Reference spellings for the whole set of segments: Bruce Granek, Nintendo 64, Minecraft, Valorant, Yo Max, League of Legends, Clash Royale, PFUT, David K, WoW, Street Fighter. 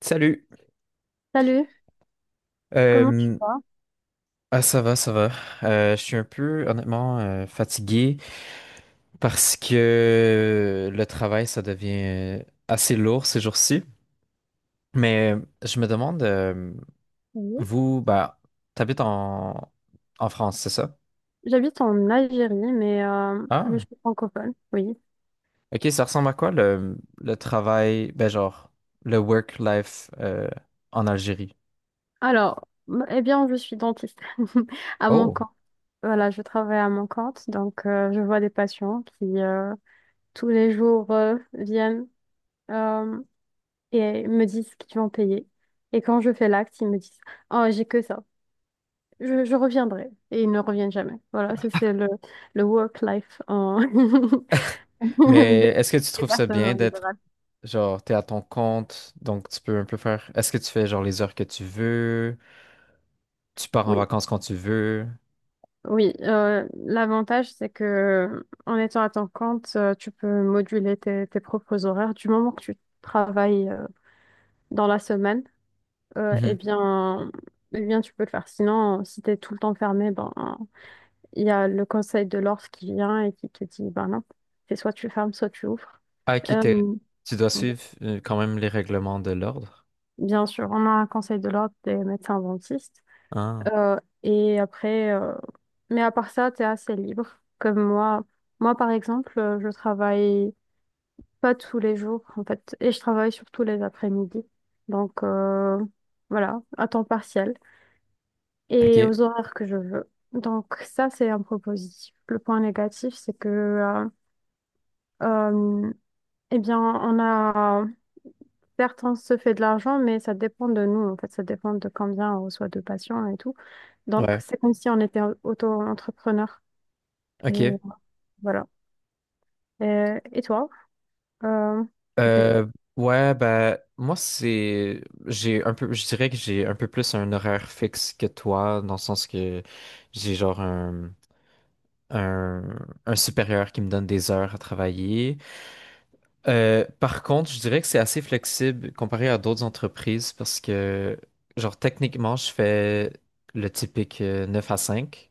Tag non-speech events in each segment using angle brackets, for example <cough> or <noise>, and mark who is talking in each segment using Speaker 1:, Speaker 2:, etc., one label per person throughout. Speaker 1: Salut.
Speaker 2: Salut, comment tu
Speaker 1: Euh,
Speaker 2: vas?
Speaker 1: ah, ça va, ça va. Je suis un peu, honnêtement, fatigué parce que le travail, ça devient assez lourd ces jours-ci. Mais je me demande,
Speaker 2: Oui.
Speaker 1: vous, bah, t'habites en France, c'est ça?
Speaker 2: J'habite en Algérie, mais je
Speaker 1: Ah,
Speaker 2: suis francophone, oui.
Speaker 1: ok, ça ressemble à quoi le travail, ben genre, le work-life en Algérie?
Speaker 2: Alors, eh bien, je suis dentiste <laughs> à mon
Speaker 1: Oh,
Speaker 2: compte. Voilà, je travaille à mon compte, donc je vois des patients qui tous les jours viennent euh, et me disent qu'ils vont payer. Et quand je fais l'acte, ils me disent, oh, j'ai que ça, je reviendrai. Et ils ne reviennent jamais. Voilà, ça c'est le work life en... <laughs>
Speaker 1: mais
Speaker 2: des
Speaker 1: est-ce que tu
Speaker 2: des
Speaker 1: trouves ça
Speaker 2: personnes
Speaker 1: bien
Speaker 2: en
Speaker 1: d'être.
Speaker 2: libéral.
Speaker 1: Genre, t'es à ton compte, donc tu peux un peu faire. Est-ce que tu fais genre les heures que tu veux? Tu pars en
Speaker 2: Oui.
Speaker 1: vacances quand tu veux?
Speaker 2: Oui, l'avantage, c'est que en étant à ton compte, tu peux moduler tes propres horaires. Du moment que tu travailles dans la semaine, eh
Speaker 1: Mhm.
Speaker 2: bien, tu peux le faire. Sinon, si tu es tout le temps fermé, ben, il y a le conseil de l'ordre qui vient et qui te dit, ben non, c'est soit tu fermes, soit tu ouvres.
Speaker 1: Ah, ok,
Speaker 2: Bon,
Speaker 1: tu dois suivre quand même les règlements de l'ordre.
Speaker 2: bien sûr, on a un conseil de l'ordre des médecins dentistes.
Speaker 1: Ah,
Speaker 2: Euh, et après, euh, mais à part ça, tu es assez libre. Comme moi, moi par exemple, je travaille pas tous les jours en fait, et je travaille surtout les après-midi. Donc voilà, à temps partiel
Speaker 1: ok,
Speaker 2: et aux horaires que je veux. Donc ça, c'est un point positif. Le point négatif, c'est que euh, eh bien, on a certes on se fait de l'argent, mais ça dépend de nous en fait, ça dépend de combien on reçoit de patients et tout. Donc
Speaker 1: ouais,
Speaker 2: c'est comme si on était auto-entrepreneur. Et
Speaker 1: ok.
Speaker 2: voilà. Et toi, euh, tu fais...
Speaker 1: Euh, ouais, bah, moi, c'est. J'ai un peu. Je dirais que j'ai un peu plus un horaire fixe que toi, dans le sens que j'ai genre un, un supérieur qui me donne des heures à travailler. Par contre, je dirais que c'est assez flexible comparé à d'autres entreprises parce que, genre, techniquement, je fais le typique 9 à 5.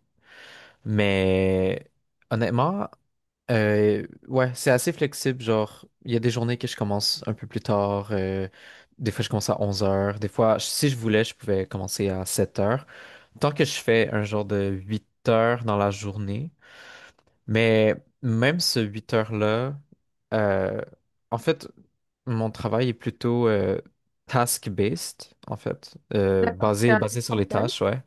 Speaker 1: Mais honnêtement, ouais, c'est assez flexible. Genre, il y a des journées que je commence un peu plus tard, des fois je commence à 11 heures, des fois, si je voulais, je pouvais commencer à 7 heures. Tant que je fais un genre de 8 heures dans la journée, mais même ce 8 heures-là, euh, en fait, mon travail est plutôt task-based, en fait,
Speaker 2: D'accord, c'est
Speaker 1: basé,
Speaker 2: à
Speaker 1: basé sur les
Speaker 2: distanciel.
Speaker 1: tâches, ouais.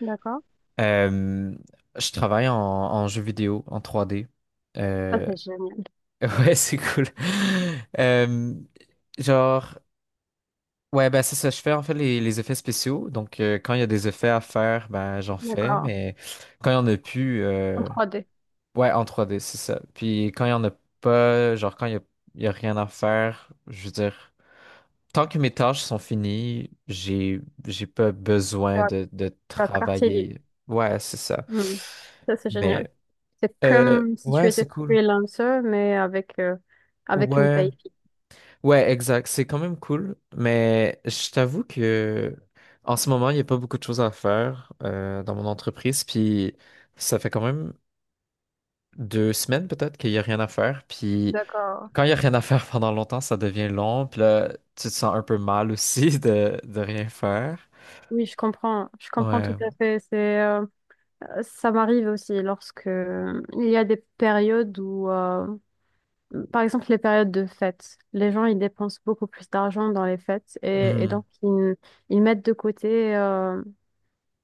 Speaker 2: D'accord.
Speaker 1: Euh, je travaille en jeu vidéo, en 3D.
Speaker 2: Ça,
Speaker 1: Euh,
Speaker 2: c'est génial.
Speaker 1: <laughs> ouais, c'est cool. Euh, genre, ouais, ben c'est ça, je fais en fait les effets spéciaux. Donc, quand il y a des effets à faire, ben j'en fais,
Speaker 2: D'accord.
Speaker 1: mais quand il n'y en a plus,
Speaker 2: En 3 d.
Speaker 1: ouais, en 3D c'est ça. Puis quand il y en a pas, genre quand il y a rien à faire, je veux dire, tant que mes tâches sont finies, j'ai pas
Speaker 2: Tu
Speaker 1: besoin
Speaker 2: as,
Speaker 1: de
Speaker 2: tu as quartier libre.
Speaker 1: travailler. Ouais, c'est ça.
Speaker 2: Hmm. Ça, c'est génial.
Speaker 1: Mais
Speaker 2: C'est comme si tu
Speaker 1: ouais, c'est
Speaker 2: étais
Speaker 1: cool.
Speaker 2: freelancer, mais avec, avec une
Speaker 1: Ouais,
Speaker 2: paye fixe.
Speaker 1: ouais, exact. C'est quand même cool. Mais je t'avoue que en ce moment, il n'y a pas beaucoup de choses à faire dans mon entreprise. Puis ça fait quand même 2 semaines peut-être qu'il n'y a rien à faire. Puis
Speaker 2: D'accord.
Speaker 1: quand il n'y a rien à faire pendant longtemps, ça devient long. Puis là, tu te sens un peu mal aussi <laughs> de rien faire.
Speaker 2: Oui, je comprends. Je comprends tout
Speaker 1: Ouais.
Speaker 2: à fait. Ça m'arrive aussi lorsque il y a des périodes où, par exemple, les périodes de fêtes, les gens ils dépensent beaucoup plus d'argent dans les fêtes et
Speaker 1: Hmm.
Speaker 2: donc ils mettent de côté euh,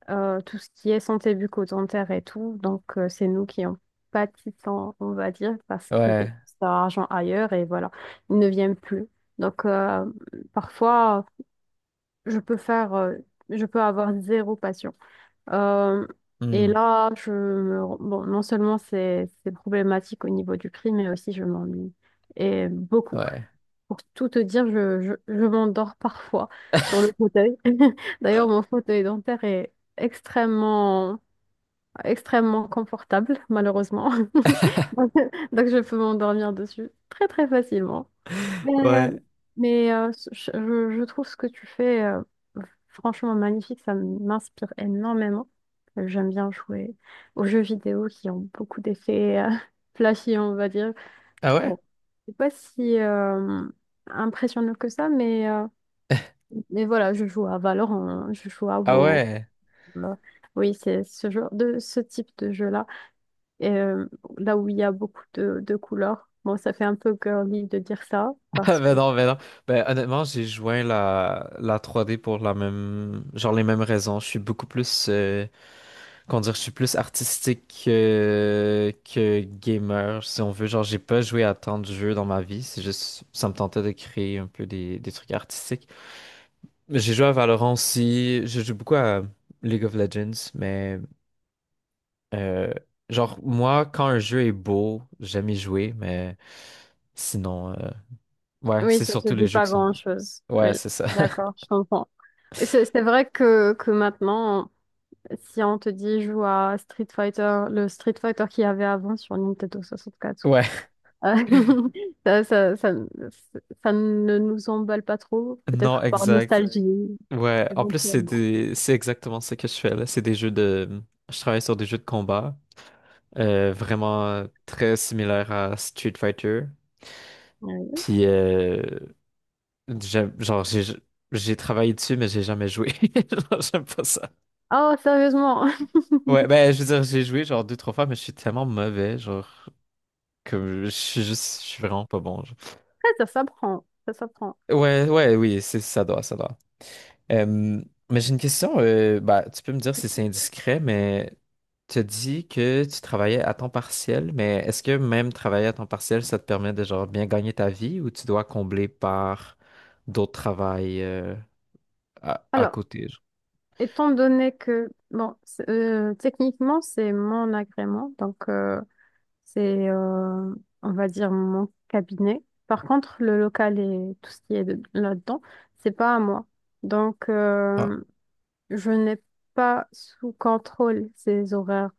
Speaker 2: euh, tout ce qui est santé bucco-dentaire et tout. Donc c'est nous qui en pâtissons, on va dire, parce qu'ils
Speaker 1: Ouais.
Speaker 2: dépensent leur argent ailleurs et voilà, ils ne viennent plus. Donc parfois, je peux faire, je peux avoir zéro patient. Euh, et
Speaker 1: Hmm.
Speaker 2: là, bon, non seulement c'est problématique au niveau du prix, mais aussi je m'ennuie et beaucoup.
Speaker 1: Ouais.
Speaker 2: Pour tout te dire, je m'endors parfois sur le fauteuil. <laughs> D'ailleurs, mon fauteuil dentaire est extrêmement, extrêmement confortable, malheureusement. <laughs>
Speaker 1: <laughs>
Speaker 2: Donc, je peux m'endormir dessus très, très facilement. Mais,
Speaker 1: Ouais.
Speaker 2: mais, je trouve ce que tu fais franchement magnifique. Ça m'inspire énormément. J'aime bien jouer aux jeux vidéo qui ont beaucoup d'effets <laughs> flashy, on va dire.
Speaker 1: Ah ouais?
Speaker 2: Bon, c'est pas si impressionnant que ça, mais... mais voilà, je joue à Valorant, hein. Je joue à
Speaker 1: Ah
Speaker 2: WoW.
Speaker 1: ouais.
Speaker 2: Euh, oui, c'est ce genre de ce type de jeu-là. Et là où il y a beaucoup de couleurs. Bon, ça fait un peu girly de dire ça,
Speaker 1: <laughs>
Speaker 2: parce que
Speaker 1: Ben non, ben non. Ben honnêtement, j'ai joint la 3D pour la même, genre les mêmes raisons. Je suis beaucoup plus, comment dire, je suis plus artistique que gamer, si on veut. Genre, j'ai pas joué à tant de jeux dans ma vie. C'est juste, ça me tentait de créer un peu des trucs artistiques. J'ai joué à Valorant aussi. Je joue beaucoup à League of Legends, mais euh, genre moi, quand un jeu est beau, j'aime y jouer, mais sinon, ouais,
Speaker 2: oui,
Speaker 1: c'est
Speaker 2: ça se
Speaker 1: surtout les
Speaker 2: dit
Speaker 1: jeux
Speaker 2: pas
Speaker 1: qui sont beaux.
Speaker 2: grand-chose. Oui,
Speaker 1: Ouais, c'est ça.
Speaker 2: d'accord, je comprends. Mais c'est vrai que maintenant, si on te dit joue à Street Fighter, le Street Fighter qu'il y avait avant sur Nintendo
Speaker 1: <laughs>
Speaker 2: 64,
Speaker 1: Ouais.
Speaker 2: euh, <laughs> ça, ça ne nous emballe pas trop,
Speaker 1: Non,
Speaker 2: peut-être par ouais,
Speaker 1: exact.
Speaker 2: nostalgie.
Speaker 1: Ouais. En plus,
Speaker 2: Éventuellement.
Speaker 1: c'est exactement ce que je fais là. C'est des jeux de. Je travaille sur des jeux de combat, vraiment très similaires à Street Fighter.
Speaker 2: Ouais.
Speaker 1: Puis, genre, j'ai travaillé dessus, mais j'ai jamais joué. <laughs> Genre, j'aime pas ça.
Speaker 2: Oh, sérieusement,
Speaker 1: Ouais, ben, je veux dire, j'ai joué genre deux, trois fois, mais je suis tellement mauvais, genre, que je suis juste, je suis vraiment pas bon. Genre.
Speaker 2: <laughs> ça s'apprend, ça s'apprend.
Speaker 1: Ouais, ouais, oui, c'est, ça doit, ça doit. Euh, mais j'ai une question, bah, tu peux me dire si c'est indiscret, mais tu as dit que tu travaillais à temps partiel, mais est-ce que même travailler à temps partiel, ça te permet de genre bien gagner ta vie ou tu dois combler par d'autres travails à
Speaker 2: Alors,
Speaker 1: côté.
Speaker 2: étant donné que, bon, techniquement, c'est mon agrément, donc c'est, euh, on va dire, mon cabinet. Par contre, le local et tout ce qui est là-dedans, c'est pas à moi. Donc,
Speaker 1: Ah,
Speaker 2: je n'ai pas sous contrôle ces horaires,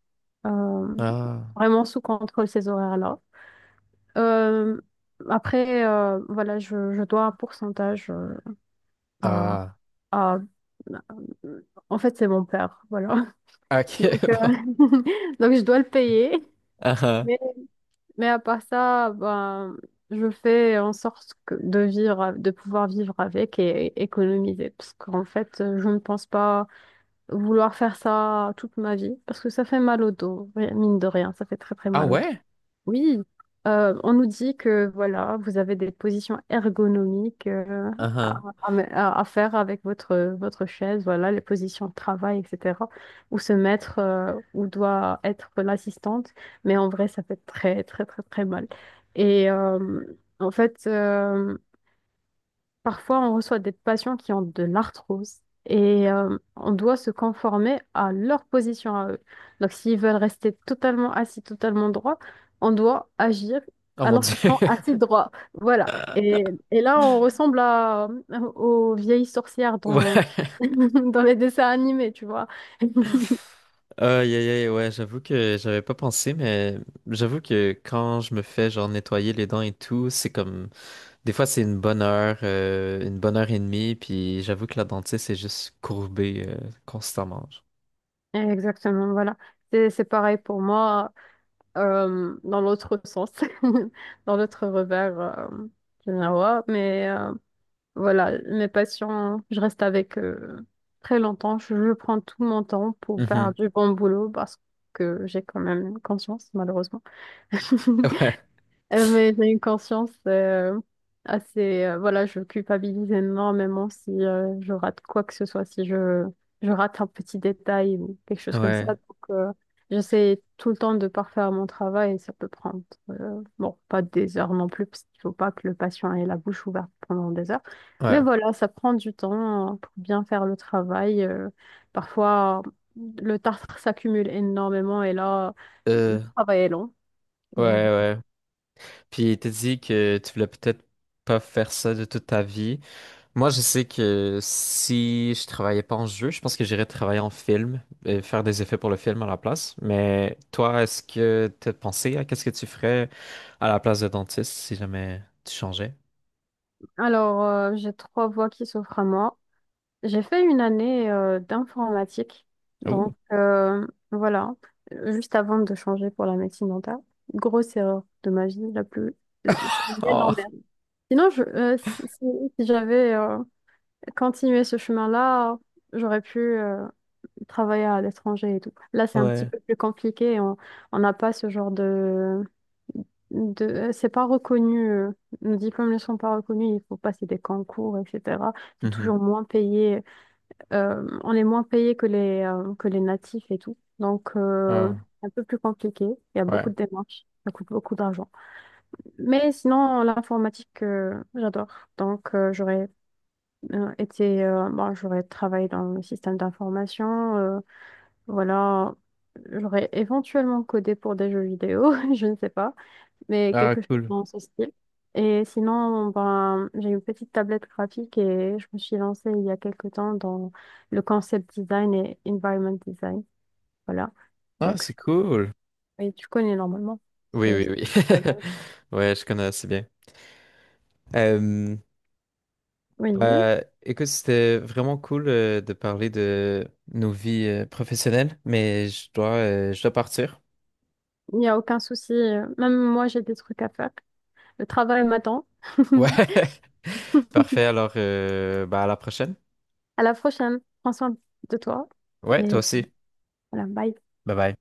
Speaker 2: euh,
Speaker 1: ah,
Speaker 2: vraiment sous contrôle ces horaires-là. Euh, voilà, je dois un pourcentage à,
Speaker 1: ah.
Speaker 2: à- en fait, c'est mon père, voilà.
Speaker 1: Ok.
Speaker 2: <laughs> Donc,
Speaker 1: <laughs> Bah.
Speaker 2: <laughs> donc je dois le payer.
Speaker 1: Ah ah.
Speaker 2: Mais, mais à part ça, ben, je fais en sorte de vivre, de pouvoir vivre avec et économiser. Parce qu'en fait, je ne pense pas vouloir faire ça toute ma vie. Parce que ça fait mal au dos, mine de rien. Ça fait très, très
Speaker 1: Ah
Speaker 2: mal au dos.
Speaker 1: ouais?
Speaker 2: Oui, on nous dit que voilà, vous avez des positions ergonomiques
Speaker 1: Ah
Speaker 2: à,
Speaker 1: ah.
Speaker 2: à faire avec votre, votre chaise, voilà, les positions de travail, etc. Où se mettre, où doit être l'assistante. Mais en vrai, ça fait très, très, très, très mal. Et euh, en fait, euh, Parfois, on reçoit des patients qui ont de l'arthrose et on doit se conformer à leur position à eux. Donc, s'ils veulent rester totalement assis, totalement droits, on doit agir
Speaker 1: Oh mon
Speaker 2: alors qu'ils
Speaker 1: Dieu.
Speaker 2: sont assis
Speaker 1: <laughs>
Speaker 2: droits. Voilà. Et là, on ressemble à, aux vieilles sorcières dans,
Speaker 1: Ouais.
Speaker 2: <laughs> dans les dessins animés, tu vois. <laughs>
Speaker 1: Aïe, aïe, aïe, ouais, j'avoue que j'avais pas pensé, mais j'avoue que quand je me fais genre nettoyer les dents et tout, c'est comme. Des fois, c'est une bonne heure et demie, puis j'avoue que la dentiste est juste courbée constamment. Genre.
Speaker 2: Exactement, voilà. C'est pareil pour moi dans l'autre sens, <laughs> dans l'autre revers du miroir. Mais voilà, mes patients, je reste avec très longtemps. Je prends tout mon temps pour faire
Speaker 1: Mhm.
Speaker 2: du bon boulot parce que j'ai quand même conscience, malheureusement. <laughs>
Speaker 1: <laughs>
Speaker 2: Mais j'ai une conscience assez... voilà, je culpabilise énormément si je rate quoi que ce soit, si je rate un petit détail ou quelque
Speaker 1: Ouais,
Speaker 2: chose comme ça.
Speaker 1: ouais,
Speaker 2: Donc, euh, j'essaie tout le temps de parfaire mon travail et ça peut prendre... bon, pas des heures non plus, parce qu'il faut pas que le patient ait la bouche ouverte pendant des heures. Mais
Speaker 1: ouais.
Speaker 2: voilà, ça prend du temps pour bien faire le travail. Parfois, le tartre s'accumule énormément et là,
Speaker 1: Euh,
Speaker 2: le travail est long.
Speaker 1: ouais, ouais. Puis t'as dit que tu voulais peut-être pas faire ça de toute ta vie. Moi, je sais que si je travaillais pas en jeu, je pense que j'irais travailler en film et faire des effets pour le film à la place. Mais toi, est-ce que t'as pensé à qu'est-ce que tu ferais à la place de dentiste si jamais tu changeais?
Speaker 2: Alors, j'ai 3 voies qui s'offrent à moi. J'ai fait une année d'informatique.
Speaker 1: Ouh.
Speaker 2: Donc, voilà, juste avant de changer pour la médecine dentaire. Grosse erreur de ma vie, la plus... C'est une
Speaker 1: <laughs>
Speaker 2: belle
Speaker 1: Oh,
Speaker 2: emmerde. Sinon, je, si, si si j'avais continué ce chemin-là, j'aurais pu travailler à l'étranger et tout. Là, c'est un petit
Speaker 1: ouais.
Speaker 2: peu plus compliqué. On n'a pas ce genre de, c'est pas reconnu, nos diplômes ne sont pas reconnus, il faut passer des concours, etc. C'est
Speaker 1: Mm-hmm.
Speaker 2: toujours moins payé, on est moins payé que les natifs et tout. Donc,
Speaker 1: Ah,
Speaker 2: c'est un peu plus compliqué, il y a beaucoup
Speaker 1: ouais.
Speaker 2: de démarches, ça coûte beaucoup d'argent. Mais sinon, l'informatique, j'adore. Donc, j'aurais été, bon, j'aurais travaillé dans le système d'information, voilà. J'aurais éventuellement codé pour des jeux vidéo, <laughs> je ne sais pas mais
Speaker 1: Ah,
Speaker 2: quelque chose
Speaker 1: cool.
Speaker 2: dans ce style. Et sinon, ben, j'ai une petite tablette graphique et je me suis lancée il y a quelque temps dans le concept design et environment design. Voilà.
Speaker 1: Ah,
Speaker 2: Donc,
Speaker 1: c'est
Speaker 2: c'est-
Speaker 1: cool.
Speaker 2: oui, tu connais normalement.
Speaker 1: Oui,
Speaker 2: ce-
Speaker 1: oui,
Speaker 2: ce-
Speaker 1: oui.
Speaker 2: la
Speaker 1: <laughs>
Speaker 2: gamme.
Speaker 1: Ouais, je connais assez bien. Euh,
Speaker 2: Oui,
Speaker 1: Bah, écoute, c'était vraiment cool de parler de nos vies professionnelles, mais je dois partir.
Speaker 2: il n'y a aucun souci. Même moi, j'ai des trucs à faire. Le travail m'attend.
Speaker 1: Ouais,
Speaker 2: <laughs>
Speaker 1: <laughs> parfait. Alors, bah, à la prochaine.
Speaker 2: À la prochaine. Prends soin de toi.
Speaker 1: Ouais, toi
Speaker 2: Et
Speaker 1: aussi.
Speaker 2: voilà, bye.
Speaker 1: Bye bye.